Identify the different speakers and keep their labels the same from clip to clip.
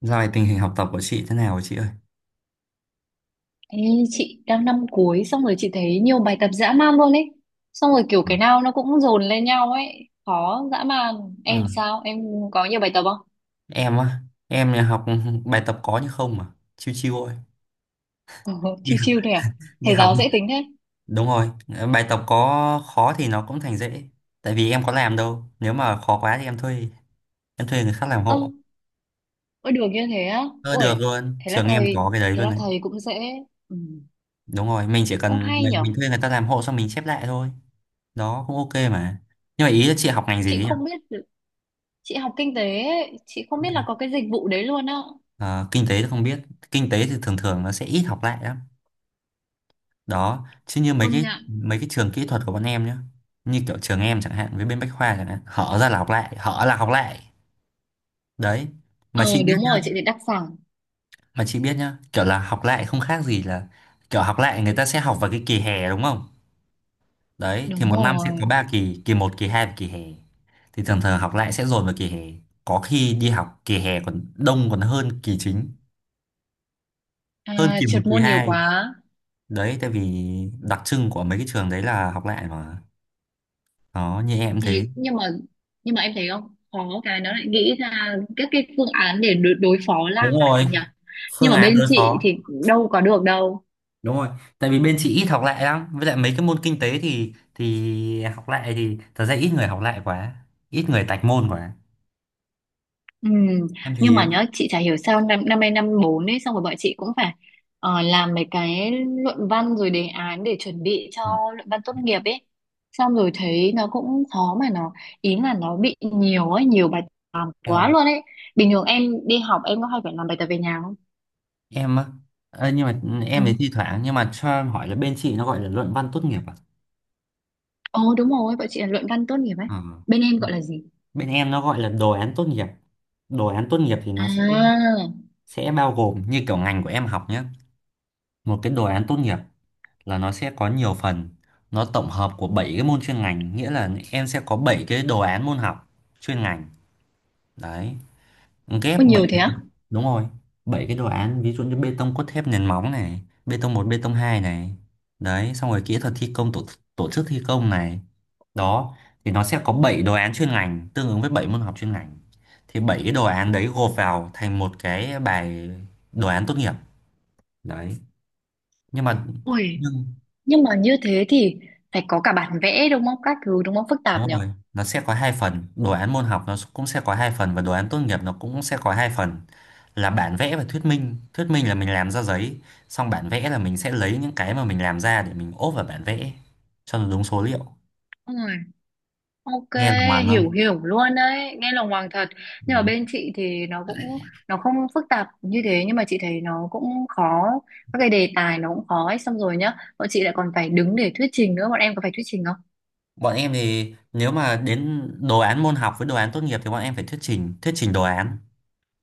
Speaker 1: Dạo này tình hình học tập của chị thế nào hả chị ơi?
Speaker 2: Ê, chị đang năm cuối, xong rồi chị thấy nhiều bài tập dã man luôn ấy. Xong rồi kiểu
Speaker 1: Ừ.
Speaker 2: cái nào nó cũng dồn lên nhau ấy, khó dã man. Em
Speaker 1: Ờ,
Speaker 2: sao, em có nhiều bài tập không?
Speaker 1: em á, em nhà học bài tập có nhưng không mà, chiêu chiêu thôi.
Speaker 2: Ừ,
Speaker 1: Đi
Speaker 2: chiêu
Speaker 1: học,
Speaker 2: chiêu thôi à?
Speaker 1: đi
Speaker 2: Thầy
Speaker 1: học.
Speaker 2: giáo dễ tính thế?
Speaker 1: Đúng rồi, bài tập có khó thì nó cũng thành dễ. Tại vì em có làm đâu, nếu mà khó quá thì em thuê người khác làm
Speaker 2: Ơ,
Speaker 1: hộ.
Speaker 2: ôi được như thế á?
Speaker 1: Ờ, được
Speaker 2: Ôi.
Speaker 1: luôn,
Speaker 2: thế là
Speaker 1: trường em
Speaker 2: thầy
Speaker 1: có cái đấy
Speaker 2: thế
Speaker 1: luôn
Speaker 2: là
Speaker 1: đấy.
Speaker 2: thầy cũng dễ. Ừ.
Speaker 1: Đúng rồi, mình chỉ
Speaker 2: Ô
Speaker 1: cần
Speaker 2: hay nhở.
Speaker 1: mình thuê người ta làm hộ xong mình chép lại thôi. Đó cũng ok mà. Nhưng mà ý là chị học ngành gì
Speaker 2: Chị
Speaker 1: ấy nhỉ?
Speaker 2: không biết được- Chị học kinh tế ấy, chị không biết là có cái dịch vụ đấy luôn á.
Speaker 1: Ờ, kinh tế thì không biết. Kinh tế thì thường thường nó sẽ ít học lại lắm. Đó chứ như
Speaker 2: Công nhận.
Speaker 1: mấy cái trường kỹ thuật của bọn em nhá, như kiểu trường em chẳng hạn với bên Bách Khoa chẳng hạn, hở ra là học lại, hở là học lại đấy. mà chị
Speaker 2: Ờ
Speaker 1: biết
Speaker 2: Đúng rồi, chị
Speaker 1: nhá
Speaker 2: thì đặc sản.
Speaker 1: mà chị biết nhá, kiểu là học lại không khác gì là kiểu học lại, người ta sẽ học vào cái kỳ hè đúng không? Đấy, thì
Speaker 2: Đúng
Speaker 1: một năm sẽ có
Speaker 2: rồi.
Speaker 1: 3 kỳ, kỳ một, kỳ 2 và kỳ hè, thì thường thường học lại sẽ dồn vào kỳ hè. Có khi đi học kỳ hè còn đông còn hơn kỳ chính,
Speaker 2: À,
Speaker 1: hơn kỳ một
Speaker 2: trượt
Speaker 1: kỳ
Speaker 2: môn nhiều
Speaker 1: 2
Speaker 2: quá.
Speaker 1: đấy. Tại vì đặc trưng của mấy cái trường đấy là học lại mà. Đó như em
Speaker 2: Thế
Speaker 1: thế.
Speaker 2: nhưng mà nhưng mà em thấy không khó cái nó lại nghĩ ra các cái phương án để đối phó
Speaker 1: Đúng
Speaker 2: lại
Speaker 1: rồi,
Speaker 2: nhỉ. Nhưng
Speaker 1: phương
Speaker 2: mà
Speaker 1: án
Speaker 2: bên
Speaker 1: đối
Speaker 2: chị
Speaker 1: phó.
Speaker 2: thì đâu có được đâu.
Speaker 1: Đúng rồi, tại vì bên chị ít học lại lắm, với lại mấy cái môn kinh tế thì học lại thì thật ra ít người học lại quá, ít người tạch môn quá.
Speaker 2: Ừ,
Speaker 1: Em thì
Speaker 2: nhưng mà
Speaker 1: hiếm.
Speaker 2: nhớ, chị chả hiểu sao năm năm nay năm bốn ấy, xong rồi bọn chị cũng phải làm mấy cái luận văn rồi đề án để chuẩn bị cho
Speaker 1: Ừ.
Speaker 2: luận văn tốt nghiệp ấy. Xong rồi thấy nó cũng khó mà nó, ý là nó bị nhiều ấy, nhiều bài tập
Speaker 1: Ờ,
Speaker 2: quá luôn ấy. Bình thường em đi học em có hay phải làm bài tập về nhà không?
Speaker 1: em á. Ờ, nhưng mà
Speaker 2: Ừ.
Speaker 1: em thì thi thoảng, nhưng mà cho em hỏi là bên chị nó gọi là luận văn tốt nghiệp à?
Speaker 2: Ồ đúng rồi, bọn chị là luận văn tốt nghiệp ấy.
Speaker 1: Ờ.
Speaker 2: Bên em gọi là gì?
Speaker 1: Bên em nó gọi là đồ án tốt nghiệp. Đồ án tốt nghiệp thì nó sẽ
Speaker 2: À,
Speaker 1: bao gồm như kiểu ngành của em học nhé, một cái đồ án tốt nghiệp là nó sẽ có nhiều phần, nó tổng hợp của 7 cái môn chuyên ngành, nghĩa là em sẽ có 7 cái đồ án môn học chuyên ngành đấy,
Speaker 2: có
Speaker 1: ghép bảy.
Speaker 2: nhiều thế á?
Speaker 1: Đúng rồi, 7 cái đồ án, ví dụ như bê tông cốt thép, nền móng này, bê tông một, bê tông 2 này, đấy, xong rồi kỹ thuật thi công, tổ chức thi công này. Đó thì nó sẽ có 7 đồ án chuyên ngành tương ứng với 7 môn học chuyên ngành, thì 7 cái đồ án đấy gộp vào thành một cái bài đồ án tốt nghiệp đấy. Nhưng mà
Speaker 2: Ui,
Speaker 1: nhưng
Speaker 2: nhưng mà như thế thì phải có cả bản vẽ đúng không? Các thứ đúng không? Phức tạp
Speaker 1: đúng
Speaker 2: nhở?
Speaker 1: rồi, nó sẽ có hai phần, đồ án môn học nó cũng sẽ có hai phần và đồ án tốt nghiệp nó cũng sẽ có hai phần là bản vẽ và thuyết minh. Thuyết minh là mình làm ra giấy, xong bản vẽ là mình sẽ lấy những cái mà mình làm ra để mình ốp vào bản vẽ cho nó đúng số liệu.
Speaker 2: Ui, ok,
Speaker 1: Nghe là ngoằng không?
Speaker 2: hiểu hiểu luôn đấy. Nghe lòng hoàng thật. Nhưng mà
Speaker 1: Đấy.
Speaker 2: bên chị thì nó không phức tạp như thế nhưng mà chị thấy nó cũng khó. Các cái đề tài nó cũng khó ấy. Xong rồi nhá, bọn chị lại còn phải đứng để thuyết trình nữa. Bọn em có phải thuyết trình không?
Speaker 1: Bọn em thì nếu mà đến đồ án môn học với đồ án tốt nghiệp thì bọn em phải thuyết trình đồ án.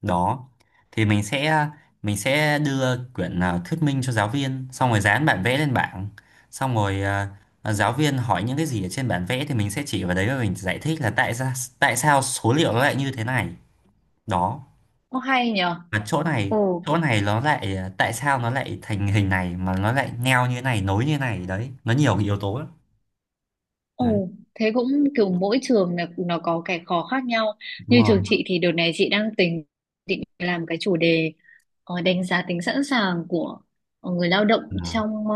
Speaker 1: Đó thì mình sẽ mình sẽ đưa quyển thuyết minh cho giáo viên, xong rồi dán bản vẽ lên bảng, xong rồi giáo viên hỏi những cái gì ở trên bản vẽ thì mình sẽ chỉ vào đấy và mình giải thích là tại sao, số liệu nó lại như thế này. Đó,
Speaker 2: Ô hay nhở?
Speaker 1: và
Speaker 2: Ồ.
Speaker 1: chỗ này nó lại tại sao nó lại thành hình này mà nó lại neo như này, nối như này đấy, nó nhiều cái yếu tố lắm. Đấy.
Speaker 2: Ồ, thế cũng kiểu mỗi trường là nó có cái khó khác nhau.
Speaker 1: Đúng
Speaker 2: Như
Speaker 1: rồi.
Speaker 2: trường chị thì đợt này chị đang tính định làm cái chủ đề đánh giá tính sẵn sàng của người lao động
Speaker 1: Ờ,
Speaker 2: trong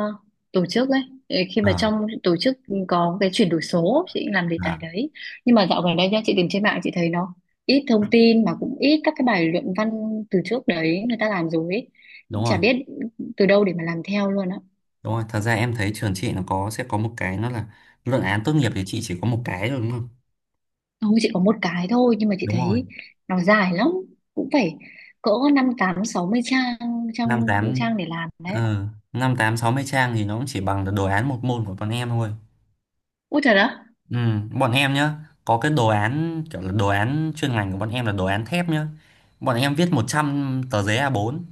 Speaker 2: tổ chức ấy. Ờ, khi mà
Speaker 1: ờ,
Speaker 2: trong tổ chức có cái chuyển đổi số, chị làm đề
Speaker 1: ờ,
Speaker 2: tài đấy. Nhưng mà dạo gần đây nha, chị tìm trên mạng chị thấy nó ít thông tin mà cũng ít các cái bài luận văn từ trước đấy người ta làm rồi ấy.
Speaker 1: đúng
Speaker 2: Chả
Speaker 1: rồi.
Speaker 2: biết từ đâu để mà làm theo luôn á.
Speaker 1: Đúng rồi, thật ra em thấy trường chị nó sẽ có một cái, nó là luận án tốt nghiệp thì chị chỉ có một cái thôi đúng không?
Speaker 2: Thôi chị có một cái thôi nhưng mà chị
Speaker 1: Đúng rồi.
Speaker 2: thấy nó dài lắm, cũng phải cỡ năm tám sáu mươi trang trang
Speaker 1: năm tám
Speaker 2: trang để làm đấy.
Speaker 1: năm tám 60 trang thì nó cũng chỉ bằng được đồ án một môn của bọn em thôi.
Speaker 2: Ui trời đó,
Speaker 1: Ừ, bọn em nhá, có cái đồ án kiểu là đồ án chuyên ngành của bọn em là đồ án thép nhá, bọn em viết 100 tờ giấy A4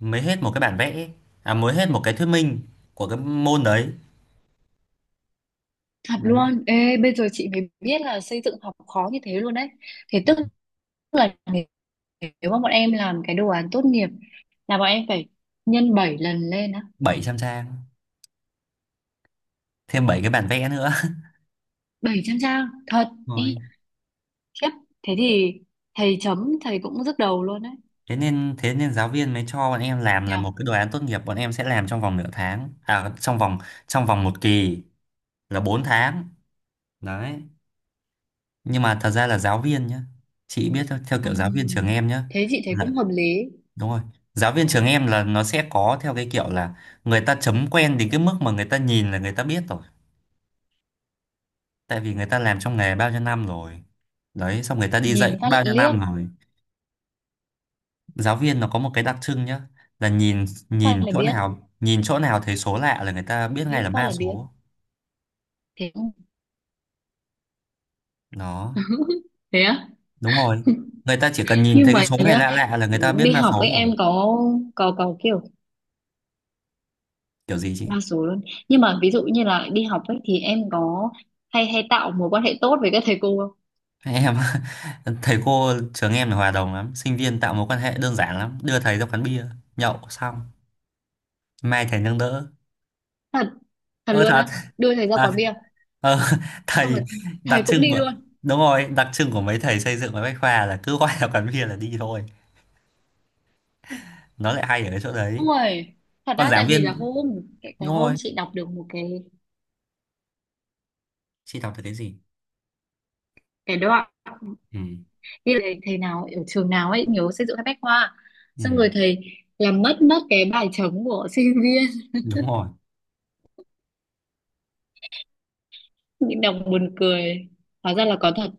Speaker 1: mới hết một cái bản vẽ, à mới hết một cái thuyết minh của cái môn đấy.
Speaker 2: thật
Speaker 1: Đấy.
Speaker 2: luôn. Ê, bây giờ chị mới biết là xây dựng học khó như thế luôn đấy. Thế tức là nếu nếu mà bọn em làm cái đồ án tốt nghiệp là bọn em phải nhân 7 lần lên á?
Speaker 1: 700 trang, thêm 7 cái bản vẽ nữa
Speaker 2: 700 trang thật? Ê,
Speaker 1: rồi.
Speaker 2: khiếp. Thế thì thầy chấm thầy cũng nhức đầu luôn đấy.
Speaker 1: Thế nên, thế nên giáo viên mới cho bọn em làm là
Speaker 2: Nhở.
Speaker 1: một cái đồ án tốt nghiệp bọn em sẽ làm trong vòng nửa tháng, à trong vòng, trong vòng một kỳ là 4 tháng đấy. Nhưng mà thật ra là giáo viên nhá, chị biết thôi, theo kiểu giáo viên trường
Speaker 2: Ừm,
Speaker 1: em nhá
Speaker 2: Thế chị thấy
Speaker 1: là,
Speaker 2: cũng hợp lý.
Speaker 1: đúng rồi, giáo viên trường em là nó sẽ có theo cái kiểu là người ta chấm quen đến cái mức mà người ta nhìn là người ta biết rồi, tại vì người ta làm trong nghề bao nhiêu năm rồi đấy, xong người ta đi dạy
Speaker 2: Nhìn
Speaker 1: cũng
Speaker 2: phát
Speaker 1: bao nhiêu
Speaker 2: liếc
Speaker 1: năm rồi. Giáo viên nó có một cái đặc trưng nhá, là nhìn, nhìn
Speaker 2: phát là
Speaker 1: chỗ
Speaker 2: biết,
Speaker 1: nào, nhìn chỗ nào thấy số lạ là người ta biết ngay
Speaker 2: liếc
Speaker 1: là
Speaker 2: phát
Speaker 1: ma
Speaker 2: là biết
Speaker 1: số.
Speaker 2: thế không?
Speaker 1: Đó.
Speaker 2: Thế á?
Speaker 1: Đúng rồi, người ta chỉ cần nhìn
Speaker 2: Nhưng
Speaker 1: thấy cái
Speaker 2: mà
Speaker 1: số này
Speaker 2: nhớ,
Speaker 1: lạ lạ là người ta biết
Speaker 2: đi
Speaker 1: ma
Speaker 2: học
Speaker 1: số
Speaker 2: với
Speaker 1: rồi.
Speaker 2: em có kiểu
Speaker 1: Kiểu gì chị?
Speaker 2: đa số luôn. Nhưng mà ví dụ như là đi học ấy thì em có hay hay tạo mối quan hệ tốt với các thầy cô không?
Speaker 1: Em thầy cô trường em là hòa đồng lắm, sinh viên tạo mối quan hệ đơn giản lắm, đưa thầy ra quán bia nhậu xong mai thầy nâng đỡ.
Speaker 2: Thật, thật
Speaker 1: Ơ
Speaker 2: luôn
Speaker 1: thật.
Speaker 2: á? Đưa thầy ra
Speaker 1: à,
Speaker 2: quán bia
Speaker 1: ờ,
Speaker 2: xong rồi
Speaker 1: thầy đặc
Speaker 2: thầy cũng
Speaker 1: trưng
Speaker 2: đi
Speaker 1: của,
Speaker 2: luôn?
Speaker 1: đúng rồi, đặc trưng của mấy thầy xây dựng và bách khoa là cứ gọi là quán bia là đi thôi. Nó lại hay ở cái chỗ đấy.
Speaker 2: Ôi, thật
Speaker 1: Còn
Speaker 2: ra
Speaker 1: giảng
Speaker 2: tại vì là
Speaker 1: viên
Speaker 2: hôm cái
Speaker 1: đúng
Speaker 2: hôm
Speaker 1: rồi,
Speaker 2: chị đọc được một cái
Speaker 1: chị đọc được cái gì?
Speaker 2: cái đoạn
Speaker 1: Ừ.
Speaker 2: như là thầy nào ở trường nào ấy nhớ xây dựng các bách khoa,
Speaker 1: Ừ,
Speaker 2: xong rồi thầy làm mất mất cái bài chấm của sinh viên,
Speaker 1: đúng rồi,
Speaker 2: những đồng buồn cười, hóa ra là có thật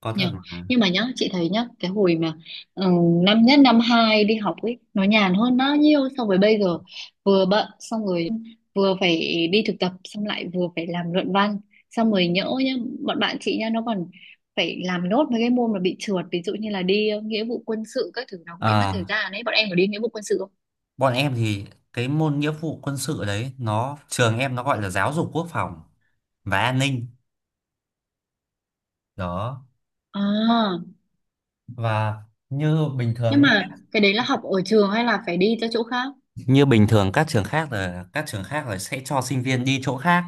Speaker 1: có
Speaker 2: nhỉ.
Speaker 1: thật mà.
Speaker 2: Nhưng mà nhá, chị thấy nhá, cái hồi mà ừ, năm nhất năm hai đi học ấy nó nhàn hơn bao nhiêu so với bây giờ. Vừa bận xong rồi, vừa phải đi thực tập, xong lại vừa phải làm luận văn. Xong rồi nhỡ nhá, bọn bạn chị nhá nó còn phải làm nốt mấy cái môn mà bị trượt, ví dụ như là đi nghĩa vụ quân sự, các thứ nó cũng bị mất
Speaker 1: Ờ,
Speaker 2: thời gian ấy. Bọn em có đi nghĩa vụ quân sự không?
Speaker 1: bọn em thì cái môn nghĩa vụ quân sự đấy nó, trường em nó gọi là giáo dục quốc phòng và an ninh. Đó.
Speaker 2: À,
Speaker 1: Và như bình
Speaker 2: nhưng
Speaker 1: thường,
Speaker 2: mà cái đấy là học ở trường hay là phải đi ra chỗ khác?
Speaker 1: như bình thường các trường khác là sẽ cho sinh viên đi chỗ khác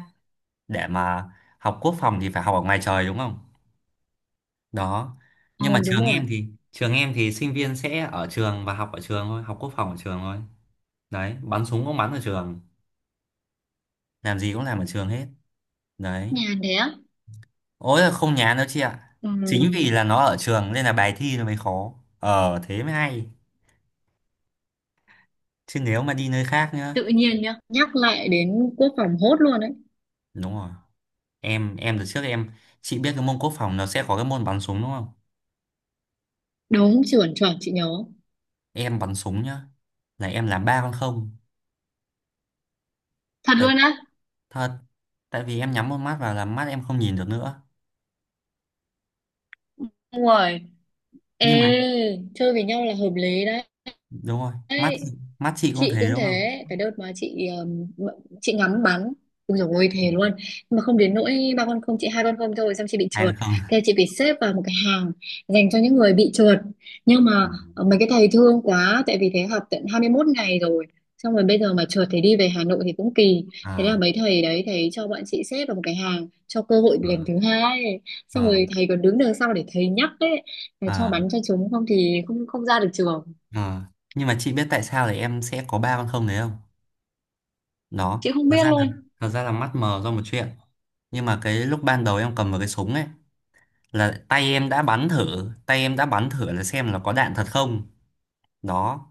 Speaker 1: để mà học quốc phòng thì phải học ở ngoài trời đúng không? Đó. Nhưng mà
Speaker 2: Ừ, đúng
Speaker 1: trường
Speaker 2: rồi.
Speaker 1: em thì sinh viên sẽ ở trường và học ở trường thôi, học quốc phòng ở trường thôi. Đấy, bắn súng cũng bắn ở trường, làm gì cũng làm ở trường hết. Đấy.
Speaker 2: Nhàn thế á?
Speaker 1: Ôi là không nhán đâu chị ạ.
Speaker 2: Ừ,
Speaker 1: Chính vì là nó ở trường nên là bài thi nó mới khó. Ờ thế mới hay. Chứ nếu mà đi nơi khác nhá.
Speaker 2: tự nhiên nhá, nhắc lại đến quốc phòng hốt luôn đấy.
Speaker 1: Đúng rồi. Em từ trước em chị biết cái môn quốc phòng nó sẽ có cái môn bắn súng đúng không?
Speaker 2: Đúng chuẩn chuẩn, chị nhớ.
Speaker 1: Em bắn súng nhá là em làm ba con không.
Speaker 2: Thật
Speaker 1: tại
Speaker 2: luôn á?
Speaker 1: thật tại vì em nhắm một mắt vào là mắt em không nhìn được nữa.
Speaker 2: Đúng rồi. Ê,
Speaker 1: Nhưng mà
Speaker 2: chơi với nhau là hợp lý đấy.
Speaker 1: đúng rồi,
Speaker 2: Đấy.
Speaker 1: mắt chị cũng
Speaker 2: Chị
Speaker 1: thế
Speaker 2: cũng
Speaker 1: đúng không?
Speaker 2: thế, cái đợt mà chị chị ngắm bắn, ui dồi ôi thề luôn, nhưng mà không đến nỗi ba con không, chị hai con không thôi, xong chị bị
Speaker 1: Ai mà
Speaker 2: trượt.
Speaker 1: không
Speaker 2: Thế chị phải xếp vào một cái hàng dành cho những người bị trượt. Nhưng mà mấy cái thầy thương quá, tại vì thế học tận 21 ngày rồi, xong rồi bây giờ mà trượt thì đi về Hà Nội thì cũng kỳ. Thế là
Speaker 1: à,
Speaker 2: mấy thầy đấy thầy cho bọn chị xếp vào một cái hàng, cho cơ hội lần thứ hai. Xong
Speaker 1: à,
Speaker 2: rồi thầy còn đứng đằng sau để thầy nhắc đấy, là cho
Speaker 1: à,
Speaker 2: bắn cho chúng không thì không không ra được trường.
Speaker 1: à. Nhưng mà chị biết tại sao là em sẽ có ba con không đấy không? Đó
Speaker 2: Chị không
Speaker 1: thật
Speaker 2: biết
Speaker 1: ra là,
Speaker 2: luôn.
Speaker 1: mắt mờ do một chuyện. Nhưng mà cái lúc ban đầu em cầm vào cái súng ấy là tay em đã bắn thử là xem là có đạn thật không. Đó,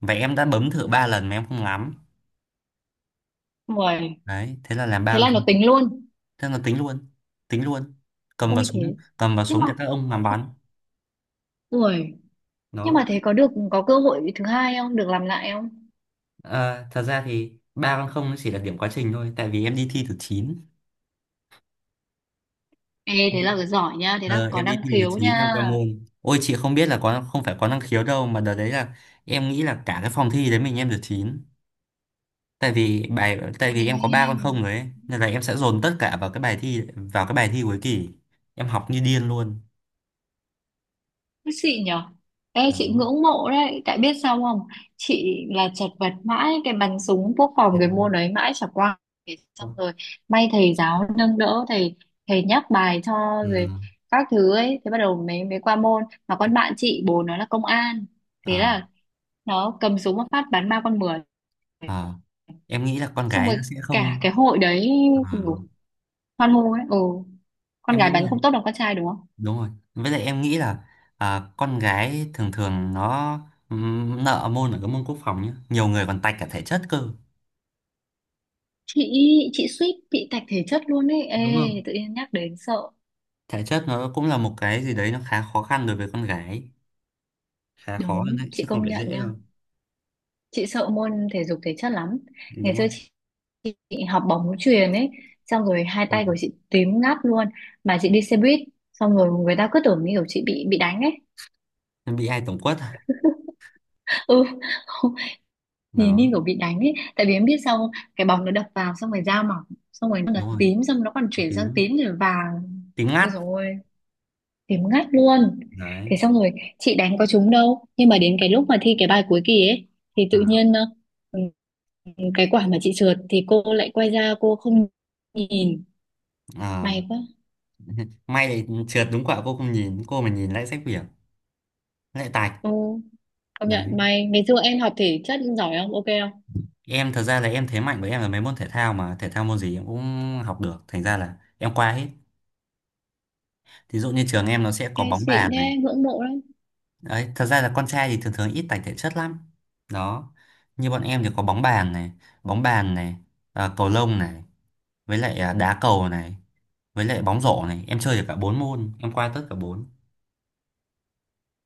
Speaker 1: vậy em đã bấm thử ba lần mà em không ngắm.
Speaker 2: Uầy.
Speaker 1: Đấy
Speaker 2: Thế là nó tính luôn?
Speaker 1: thế là tính luôn, tính luôn, cầm vào
Speaker 2: Ôi
Speaker 1: súng
Speaker 2: thế.
Speaker 1: cầm vào
Speaker 2: Nhưng
Speaker 1: súng
Speaker 2: mà
Speaker 1: để các ông làm
Speaker 2: thế,
Speaker 1: bắn.
Speaker 2: ui, nhưng mà
Speaker 1: Đó
Speaker 2: thế có được, có cơ hội thứ hai không, được làm lại không?
Speaker 1: thật ra thì ba con không nó chỉ là điểm quá trình thôi, tại vì em đi thi được chín
Speaker 2: Ê, thế là giỏi nha, thế là
Speaker 1: ờ,
Speaker 2: có
Speaker 1: em đi
Speaker 2: năng
Speaker 1: thi được
Speaker 2: khiếu nha.
Speaker 1: chín em qua môn. Ôi chị không biết là có, không phải có năng khiếu đâu, mà đợt đấy là em nghĩ là cả cái phòng thi đấy mình em được chín. Tại
Speaker 2: Ê
Speaker 1: vì em có ba con không đấy nên là em sẽ dồn tất cả vào cái bài thi cuối kỳ. Em học như điên luôn.
Speaker 2: xịn nhở. Ê,
Speaker 1: Đó.
Speaker 2: chị ngưỡng mộ đấy. Tại biết sao không? Chị là chật vật mãi. Cái bắn súng quốc phòng cái môn ấy mãi chả qua. Thế. Xong
Speaker 1: Không.
Speaker 2: rồi may thầy giáo nâng đỡ. Thầy thầy nhắc bài cho
Speaker 1: Ừ.
Speaker 2: rồi, các thứ ấy. Thế bắt đầu mới mới qua môn. Mà con bạn chị bố nó là công an. Thế
Speaker 1: À,
Speaker 2: là nó cầm súng một phát bắn ba con mười.
Speaker 1: à. Em nghĩ là con
Speaker 2: Xong
Speaker 1: gái nó
Speaker 2: rồi
Speaker 1: sẽ
Speaker 2: cả
Speaker 1: không,
Speaker 2: cái hội đấy
Speaker 1: à,
Speaker 2: kiểu, hoan hô ấy. Ừ. Con
Speaker 1: em
Speaker 2: gái
Speaker 1: nghĩ
Speaker 2: bắn
Speaker 1: là
Speaker 2: không tốt bằng con trai đúng không?
Speaker 1: đúng rồi, với lại em nghĩ là con gái thường thường nó nợ môn ở cái môn quốc phòng nhá, nhiều người còn tạch cả thể chất cơ
Speaker 2: Chị chị suýt bị tạch thể chất luôn ấy. Ê,
Speaker 1: đúng không?
Speaker 2: tự nhiên nhắc đến sợ.
Speaker 1: Thể chất nó cũng là một cái gì đấy nó khá khó khăn đối với con gái, khá khó hơn
Speaker 2: Đúng,
Speaker 1: đấy
Speaker 2: chị
Speaker 1: chứ không
Speaker 2: công
Speaker 1: phải
Speaker 2: nhận
Speaker 1: dễ
Speaker 2: nha.
Speaker 1: đâu
Speaker 2: Chị sợ môn thể dục thể chất lắm. ngày
Speaker 1: đúng
Speaker 2: xưa
Speaker 1: không?
Speaker 2: chị, chị học bóng chuyền ấy, xong rồi hai tay của
Speaker 1: Ừ.
Speaker 2: chị tím ngắt luôn. Mà chị đi xe buýt xong rồi người ta cứ tưởng như kiểu chị bị đánh ấy.
Speaker 1: Em bị ai tổng quất à?
Speaker 2: Ừ. Nhìn
Speaker 1: Đó
Speaker 2: như kiểu bị đánh ấy, tại vì em biết sao không? Cái bóng nó đập vào xong rồi da mỏng, xong rồi nó
Speaker 1: đúng rồi,
Speaker 2: tím, xong nó còn chuyển sang
Speaker 1: tím
Speaker 2: tím rồi vàng.
Speaker 1: tím ngắt
Speaker 2: Ôi dồi ôi. Điểm ngắt luôn.
Speaker 1: đấy.
Speaker 2: Thế xong rồi chị đánh có trúng đâu. Nhưng mà đến cái lúc mà thi cái bài cuối kỳ ấy thì tự
Speaker 1: À.
Speaker 2: nhiên ừ, cái quả mà chị trượt thì cô lại quay ra cô không nhìn.
Speaker 1: À,
Speaker 2: May quá.
Speaker 1: may lại trượt đúng quả cô không nhìn, cô mà nhìn lại sách vở lại tạch.
Speaker 2: Ô, công
Speaker 1: Đấy.
Speaker 2: nhận may. Ngày xưa em học thể chất giỏi không? Ok không?
Speaker 1: Em thật ra là em, thế mạnh của em là mấy môn thể thao, mà thể thao môn gì em cũng học được, thành ra là em qua hết. Thí dụ như trường em nó sẽ có
Speaker 2: Em
Speaker 1: bóng
Speaker 2: xịn
Speaker 1: bàn này
Speaker 2: thế, ngưỡng mộ lắm.
Speaker 1: đấy, thật ra là con trai thì thường thường ít tài thể chất lắm. Đó, như bọn em thì có bóng bàn này, cầu lông này, với lại đá cầu này, với lại bóng rổ này, em chơi được cả bốn môn, em qua tất cả bốn.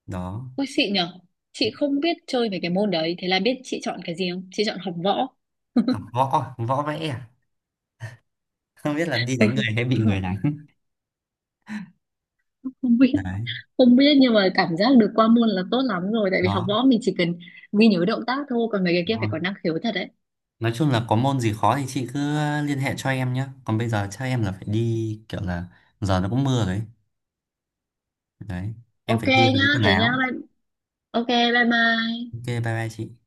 Speaker 1: Đó.
Speaker 2: Ôi xịn nhở. Chị không biết chơi về cái môn đấy. Thế là biết chị chọn cái gì không? Chị chọn học võ.
Speaker 1: Học võ, võ vẽ à? Không biết là đi đánh người hay bị
Speaker 2: Ừ,
Speaker 1: người đánh.
Speaker 2: không biết,
Speaker 1: Đấy.
Speaker 2: không biết. Nhưng mà cảm giác được qua môn là tốt lắm rồi, tại vì học
Speaker 1: Đó.
Speaker 2: võ mình chỉ cần ghi nhớ động tác thôi, còn mấy cái kia phải có năng khiếu thật đấy.
Speaker 1: Nói chung là có môn gì khó thì chị cứ liên hệ cho em nhé. Còn bây giờ chắc em là phải đi, kiểu là giờ nó cũng mưa rồi ấy. Đấy, em
Speaker 2: Ok
Speaker 1: phải đi
Speaker 2: nhá,
Speaker 1: lấy quần
Speaker 2: thế nhá,
Speaker 1: áo.
Speaker 2: ok, bye bye.
Speaker 1: Ok, bye bye chị.